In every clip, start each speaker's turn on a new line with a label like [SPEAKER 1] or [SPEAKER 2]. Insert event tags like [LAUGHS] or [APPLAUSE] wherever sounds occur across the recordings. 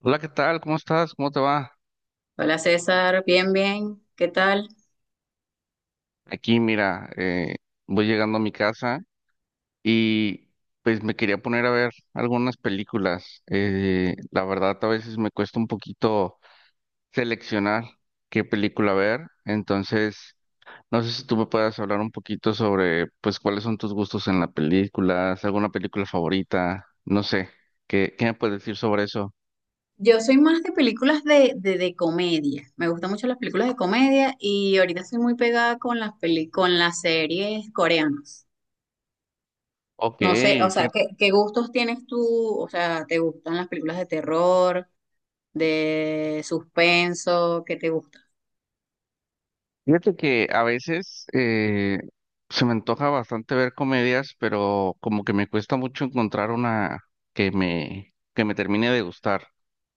[SPEAKER 1] Hola, ¿qué tal? ¿Cómo estás? ¿Cómo te va?
[SPEAKER 2] Hola César, bien, bien, ¿qué tal?
[SPEAKER 1] Aquí, mira, voy llegando a mi casa y pues me quería poner a ver algunas películas. La verdad, a veces me cuesta un poquito seleccionar qué película ver. Entonces, no sé si tú me puedas hablar un poquito sobre, pues, cuáles son tus gustos en las películas, alguna película favorita, no sé, ¿qué me puedes decir sobre eso?
[SPEAKER 2] Yo soy más de películas de comedia, me gustan mucho las películas de comedia y ahorita estoy muy pegada con con las series coreanas.
[SPEAKER 1] Ok,
[SPEAKER 2] No sé, o sea,
[SPEAKER 1] fíjate.
[SPEAKER 2] ¿qué gustos tienes tú? O sea, ¿te gustan las películas de terror, de suspenso? ¿Qué te gusta?
[SPEAKER 1] Fíjate que a veces se me antoja bastante ver comedias, pero como que me cuesta mucho encontrar una que me termine de gustar.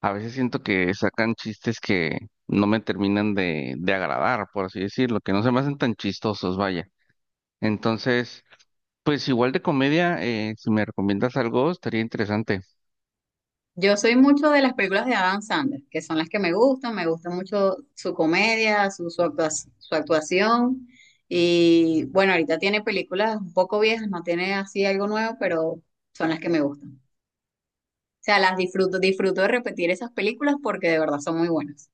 [SPEAKER 1] A veces siento que sacan chistes que no me terminan de agradar, por así decirlo, que no se me hacen tan chistosos, vaya. Entonces, pues igual de comedia, si me recomiendas algo, estaría interesante.
[SPEAKER 2] Yo soy mucho de las películas de Adam Sandler, que son las que me gustan, me gusta mucho su comedia, su actuación. Y bueno, ahorita tiene películas un poco viejas, no tiene así algo nuevo, pero son las que me gustan. O sea, las disfruto, disfruto de repetir esas películas porque de verdad son muy buenas.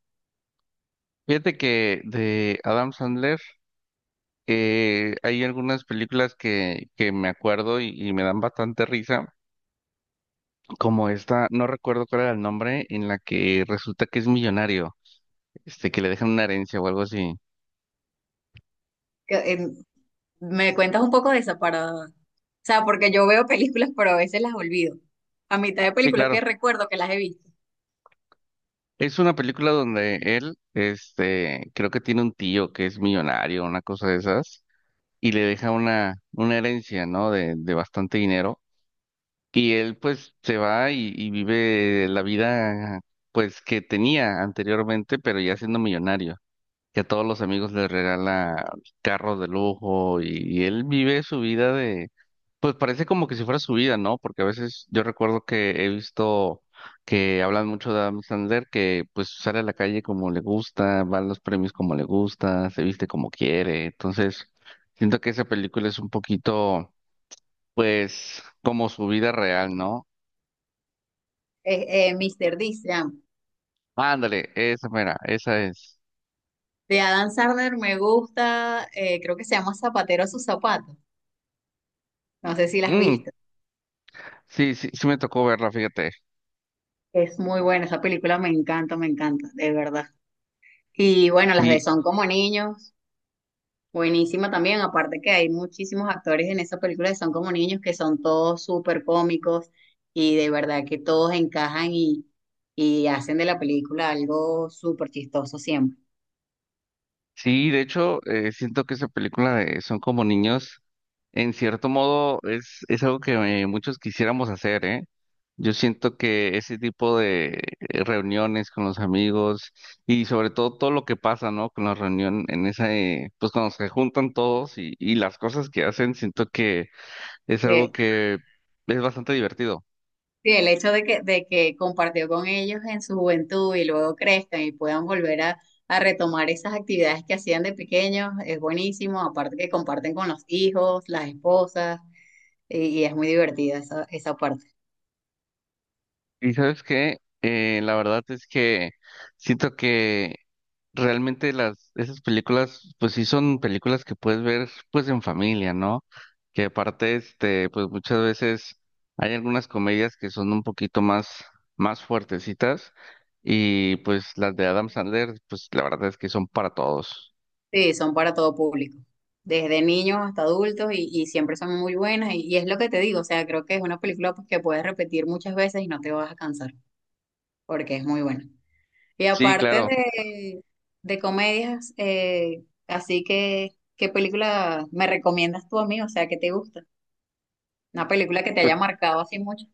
[SPEAKER 1] Fíjate que de Adam Sandler hay algunas películas que me acuerdo y me dan bastante risa como esta, no recuerdo cuál era el nombre, en la que resulta que es millonario, este, que le dejan una herencia o algo así.
[SPEAKER 2] Que, me cuentas un poco de esa para, o sea, porque yo veo películas, pero a veces las olvido. A mitad de
[SPEAKER 1] Sí,
[SPEAKER 2] películas
[SPEAKER 1] claro.
[SPEAKER 2] que recuerdo que las he visto.
[SPEAKER 1] Es una película donde él, este, creo que tiene un tío que es millonario, una cosa de esas, y le deja una herencia, ¿no? De bastante dinero. Y él, pues, se va y vive la vida, pues, que tenía anteriormente, pero ya siendo millonario, que a todos los amigos les regala carros de lujo, y él vive su vida, de, pues parece como que si fuera su vida, ¿no? Porque a veces yo recuerdo que he visto que hablan mucho de Adam Sandler, que pues sale a la calle como le gusta, va a los premios como le gusta, se viste como quiere. Entonces siento que esa película es un poquito, pues, como su vida real, ¿no?
[SPEAKER 2] Mr. D.
[SPEAKER 1] Ándale, esa mera, esa es.
[SPEAKER 2] De Adam Sandler me gusta, creo que se llama Zapatero a sus zapatos. No sé si las has
[SPEAKER 1] Mm,
[SPEAKER 2] visto.
[SPEAKER 1] sí, sí, sí me tocó verla, fíjate.
[SPEAKER 2] Es muy buena, esa película me encanta, de verdad. Y bueno, las de
[SPEAKER 1] Sí.
[SPEAKER 2] Son como niños, buenísima también. Aparte que hay muchísimos actores en esa película de Son como niños que son todos súper cómicos y de verdad que todos encajan y hacen de la película algo súper chistoso siempre.
[SPEAKER 1] Sí, de hecho, siento que esa película de Son como niños, en cierto modo, es algo que muchos quisiéramos hacer, ¿eh? Yo siento que ese tipo de reuniones con los amigos y sobre todo todo lo que pasa, ¿no? Con la reunión en esa, pues cuando se juntan todos y las cosas que hacen, siento que es algo
[SPEAKER 2] Eh,
[SPEAKER 1] que es bastante divertido.
[SPEAKER 2] Sí, el hecho de que compartió con ellos en su juventud y luego crezcan y puedan volver a retomar esas actividades que hacían de pequeños es buenísimo, aparte que comparten con los hijos, las esposas, y es muy divertida esa parte.
[SPEAKER 1] Y sabes qué, la verdad es que siento que realmente las esas películas, pues sí son películas que puedes ver pues en familia, ¿no? Que aparte, este, pues muchas veces hay algunas comedias que son un poquito más, más fuertecitas, y pues las de Adam Sandler, pues la verdad es que son para todos.
[SPEAKER 2] Sí, son para todo público, desde niños hasta adultos y siempre son muy buenas y es lo que te digo, o sea, creo que es una película pues, que puedes repetir muchas veces y no te vas a cansar porque es muy buena. Y
[SPEAKER 1] Sí,
[SPEAKER 2] aparte
[SPEAKER 1] claro.
[SPEAKER 2] de comedias, así que, ¿qué película me recomiendas tú a mí? O sea, ¿qué te gusta? Una película que te
[SPEAKER 1] Pues,
[SPEAKER 2] haya marcado así mucho.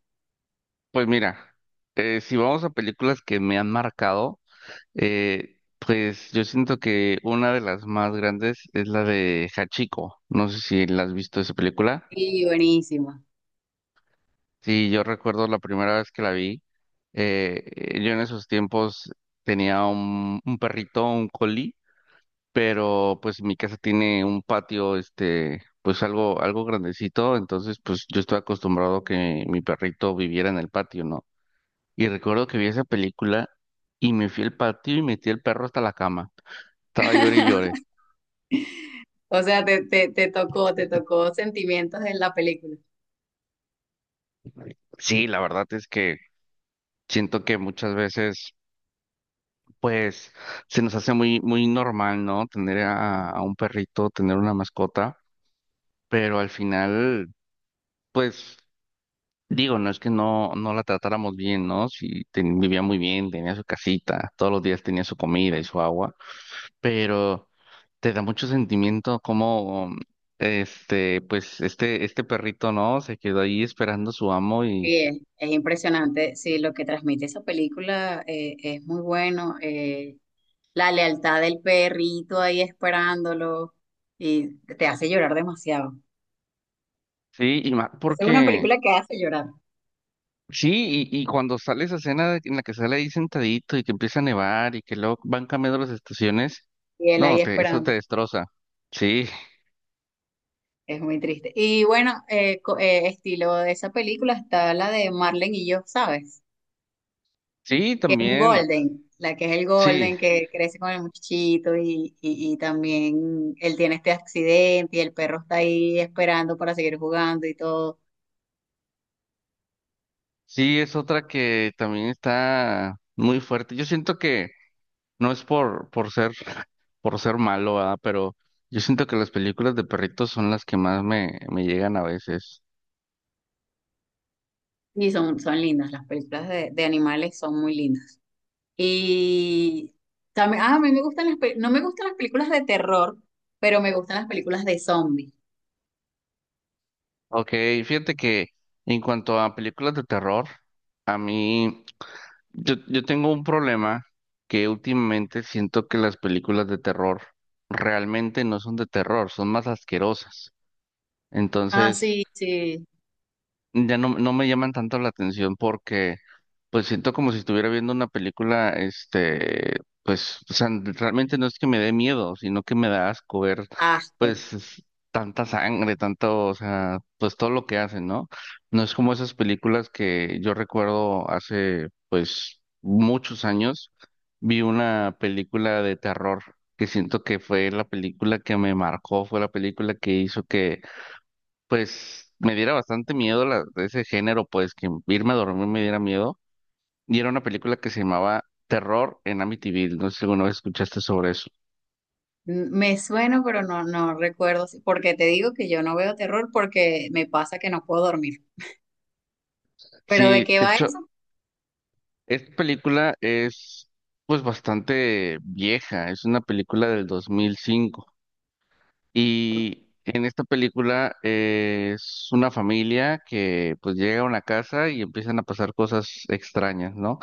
[SPEAKER 1] pues mira, si vamos a películas que me han marcado. Pues yo siento que una de las más grandes es la de Hachiko. No sé si la has visto esa película.
[SPEAKER 2] Y buenísima.
[SPEAKER 1] Sí, yo recuerdo la primera vez que la vi. Yo en esos tiempos tenía un perrito, un collie, pero pues mi casa tiene un patio, este, pues algo grandecito. Entonces, pues yo estaba acostumbrado a que mi perrito viviera en el patio, ¿no? Y recuerdo que vi esa película y me fui al patio y metí el perro hasta la cama. Estaba llore y llore.
[SPEAKER 2] O sea, te tocó sentimientos en la película.
[SPEAKER 1] Sí, la verdad es que siento que muchas veces, pues, se nos hace muy normal, ¿no? Tener a un perrito, tener una mascota, pero al final, pues, digo, no es que no la tratáramos bien, ¿no? Si vivía muy bien, tenía su casita, todos los días tenía su comida y su agua, pero te da mucho sentimiento como, este, pues, este perrito, ¿no? Se quedó ahí esperando a su amo y,
[SPEAKER 2] Sí, es impresionante. Sí, lo que transmite esa película es muy bueno. La lealtad del perrito ahí esperándolo y te hace llorar demasiado.
[SPEAKER 1] sí, y más
[SPEAKER 2] Es una
[SPEAKER 1] porque...
[SPEAKER 2] película que hace llorar
[SPEAKER 1] Sí, y cuando sale esa escena de- en la que sale ahí sentadito y que empieza a nevar y que luego van cambiando las estaciones,
[SPEAKER 2] y él
[SPEAKER 1] no,
[SPEAKER 2] ahí
[SPEAKER 1] te, eso te
[SPEAKER 2] esperando.
[SPEAKER 1] destroza. Sí,
[SPEAKER 2] Es muy triste. Y bueno, estilo de esa película está la de Marlen y yo, ¿sabes?
[SPEAKER 1] sí,
[SPEAKER 2] Que es un
[SPEAKER 1] también,
[SPEAKER 2] golden, la que es el
[SPEAKER 1] sí,
[SPEAKER 2] golden que crece con el muchachito y también él tiene este accidente y el perro está ahí esperando para seguir jugando y todo.
[SPEAKER 1] sí, es otra que también está muy fuerte. Yo siento que no es por ser, [LAUGHS] por ser malo, ¿verdad? Pero yo siento que las películas de perritos son las que más me, me llegan a veces.
[SPEAKER 2] Y son lindas, las películas de animales son muy lindas. Y también, a mí me gustan no me gustan las películas de terror, pero me gustan las películas de zombies.
[SPEAKER 1] Ok, fíjate que en cuanto a películas de terror, a mí... Yo tengo un problema que últimamente siento que las películas de terror realmente no son de terror, son más asquerosas.
[SPEAKER 2] Ah,
[SPEAKER 1] Entonces,
[SPEAKER 2] sí, sí.
[SPEAKER 1] ya no, no me llaman tanto la atención porque pues siento como si estuviera viendo una película, este, pues, o sea, realmente no es que me dé miedo, sino que me da asco ver,
[SPEAKER 2] Asco.
[SPEAKER 1] pues, es- tanta sangre, tanto, o sea, pues todo lo que hacen, ¿no? No es como esas películas que yo recuerdo hace, pues, muchos años. Vi una película de terror que siento que fue la película que me marcó, fue la película que hizo pues me diera bastante miedo la, de ese género, pues que irme a dormir me diera miedo. Y era una película que se llamaba Terror en Amityville. No sé si alguna vez escuchaste sobre eso.
[SPEAKER 2] Me suena, pero no recuerdo, porque te digo que yo no veo terror porque me pasa que no puedo dormir. ¿Pero de
[SPEAKER 1] Sí,
[SPEAKER 2] qué
[SPEAKER 1] de
[SPEAKER 2] va
[SPEAKER 1] hecho,
[SPEAKER 2] eso?
[SPEAKER 1] esta película es pues bastante vieja. Es una película del 2005. Y en esta película es una familia que pues llega a una casa y empiezan a pasar cosas extrañas, ¿no?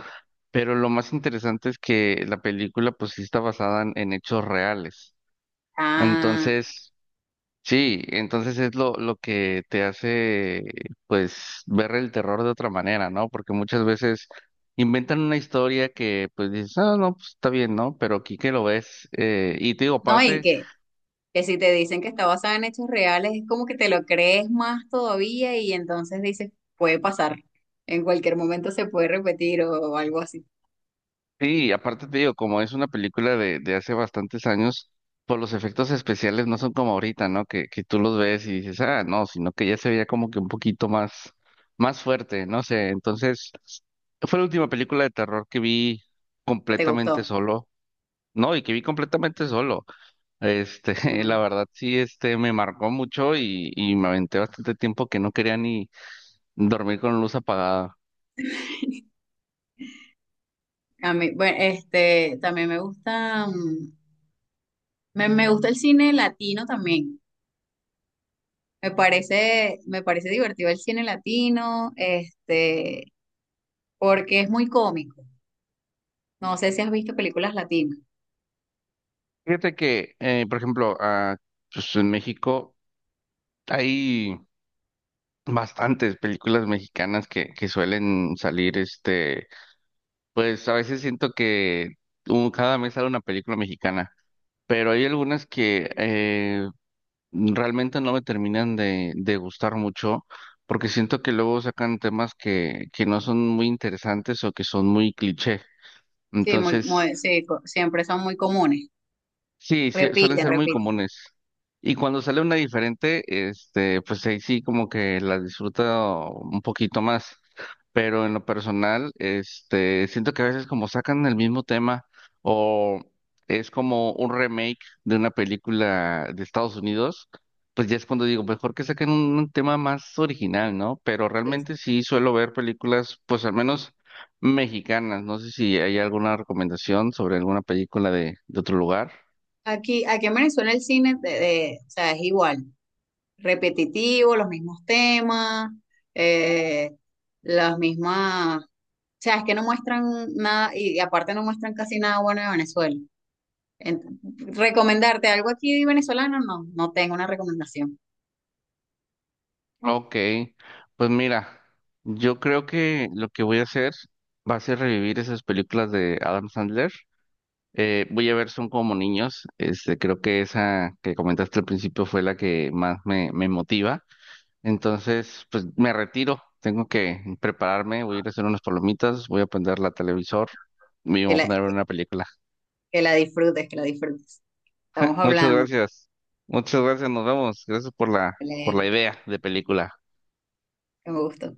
[SPEAKER 1] Pero lo más interesante es que la película pues sí está basada en hechos reales.
[SPEAKER 2] Ah,
[SPEAKER 1] Entonces, sí, entonces es lo que te hace, pues, ver el terror de otra manera, ¿no? Porque muchas veces inventan una historia que, pues, dices, ah, no, pues está bien, ¿no? Pero aquí que lo ves, y te digo,
[SPEAKER 2] no, y
[SPEAKER 1] aparte.
[SPEAKER 2] que si te dicen que está basada en hechos reales, es como que te lo crees más todavía y entonces dices, puede pasar, en cualquier momento se puede repetir o, algo así,
[SPEAKER 1] Sí, aparte te digo, como es una película de hace bastantes años, pues los efectos especiales no son como ahorita, ¿no? Que tú los ves y dices, ah, no, sino que ya se veía como que un poquito más, más fuerte, no sé. Entonces, fue la última película de terror que vi
[SPEAKER 2] que te
[SPEAKER 1] completamente
[SPEAKER 2] gustó.
[SPEAKER 1] solo, ¿no? Y que vi completamente solo. Este, [LAUGHS] la
[SPEAKER 2] Bueno,
[SPEAKER 1] verdad sí, este, me marcó mucho y me aventé bastante tiempo que no quería ni dormir con luz apagada.
[SPEAKER 2] a mí, bueno, este, también me gusta, me gusta el cine latino también. Me parece divertido el cine latino, este, porque es muy cómico. No sé si has visto películas latinas.
[SPEAKER 1] Fíjate que, por ejemplo, ah, pues en México. Hay bastantes películas mexicanas que suelen salir, este, pues a veces siento que un- cada mes sale una película mexicana, pero hay algunas que realmente no me terminan de gustar mucho, porque siento que luego sacan temas que no son muy interesantes o que son muy cliché.
[SPEAKER 2] Sí,
[SPEAKER 1] Entonces
[SPEAKER 2] sí, siempre son muy comunes.
[SPEAKER 1] sí, sí, suelen
[SPEAKER 2] Repiten,
[SPEAKER 1] ser muy
[SPEAKER 2] repiten.
[SPEAKER 1] comunes. Y cuando sale una diferente, este, pues ahí sí como que la disfruto un poquito más. Pero en lo personal, este, siento que a veces como sacan el mismo tema o es como un remake de una película de Estados Unidos, pues ya es cuando digo, mejor que saquen un tema más original, ¿no? Pero
[SPEAKER 2] Sí. Sí.
[SPEAKER 1] realmente sí suelo ver películas, pues al menos mexicanas. No sé si hay alguna recomendación sobre alguna película de otro lugar.
[SPEAKER 2] Aquí en Venezuela el cine o sea, es igual, repetitivo, los mismos temas, eh, las mismas, o sea, es que no muestran nada y aparte no muestran casi nada bueno de Venezuela. Ent- Recomendarte algo aquí venezolano, no tengo una recomendación.
[SPEAKER 1] Ok, pues mira, yo creo que lo que voy a hacer va a ser revivir esas películas de Adam Sandler. Voy a ver Son como niños. Este, creo que esa que comentaste al principio fue la que más me, me motiva. Entonces, pues me retiro. Tengo que prepararme. Voy a ir a hacer unas palomitas. Voy a prender la televisor y me
[SPEAKER 2] Que
[SPEAKER 1] voy a
[SPEAKER 2] la,
[SPEAKER 1] poner a ver
[SPEAKER 2] que,
[SPEAKER 1] una película.
[SPEAKER 2] que la disfrutes, que la disfrutes.
[SPEAKER 1] [LAUGHS]
[SPEAKER 2] Estamos
[SPEAKER 1] Muchas
[SPEAKER 2] hablando,
[SPEAKER 1] gracias. Muchas gracias. Nos vemos. Gracias por
[SPEAKER 2] Belén,
[SPEAKER 1] la idea de película.
[SPEAKER 2] que me gustó.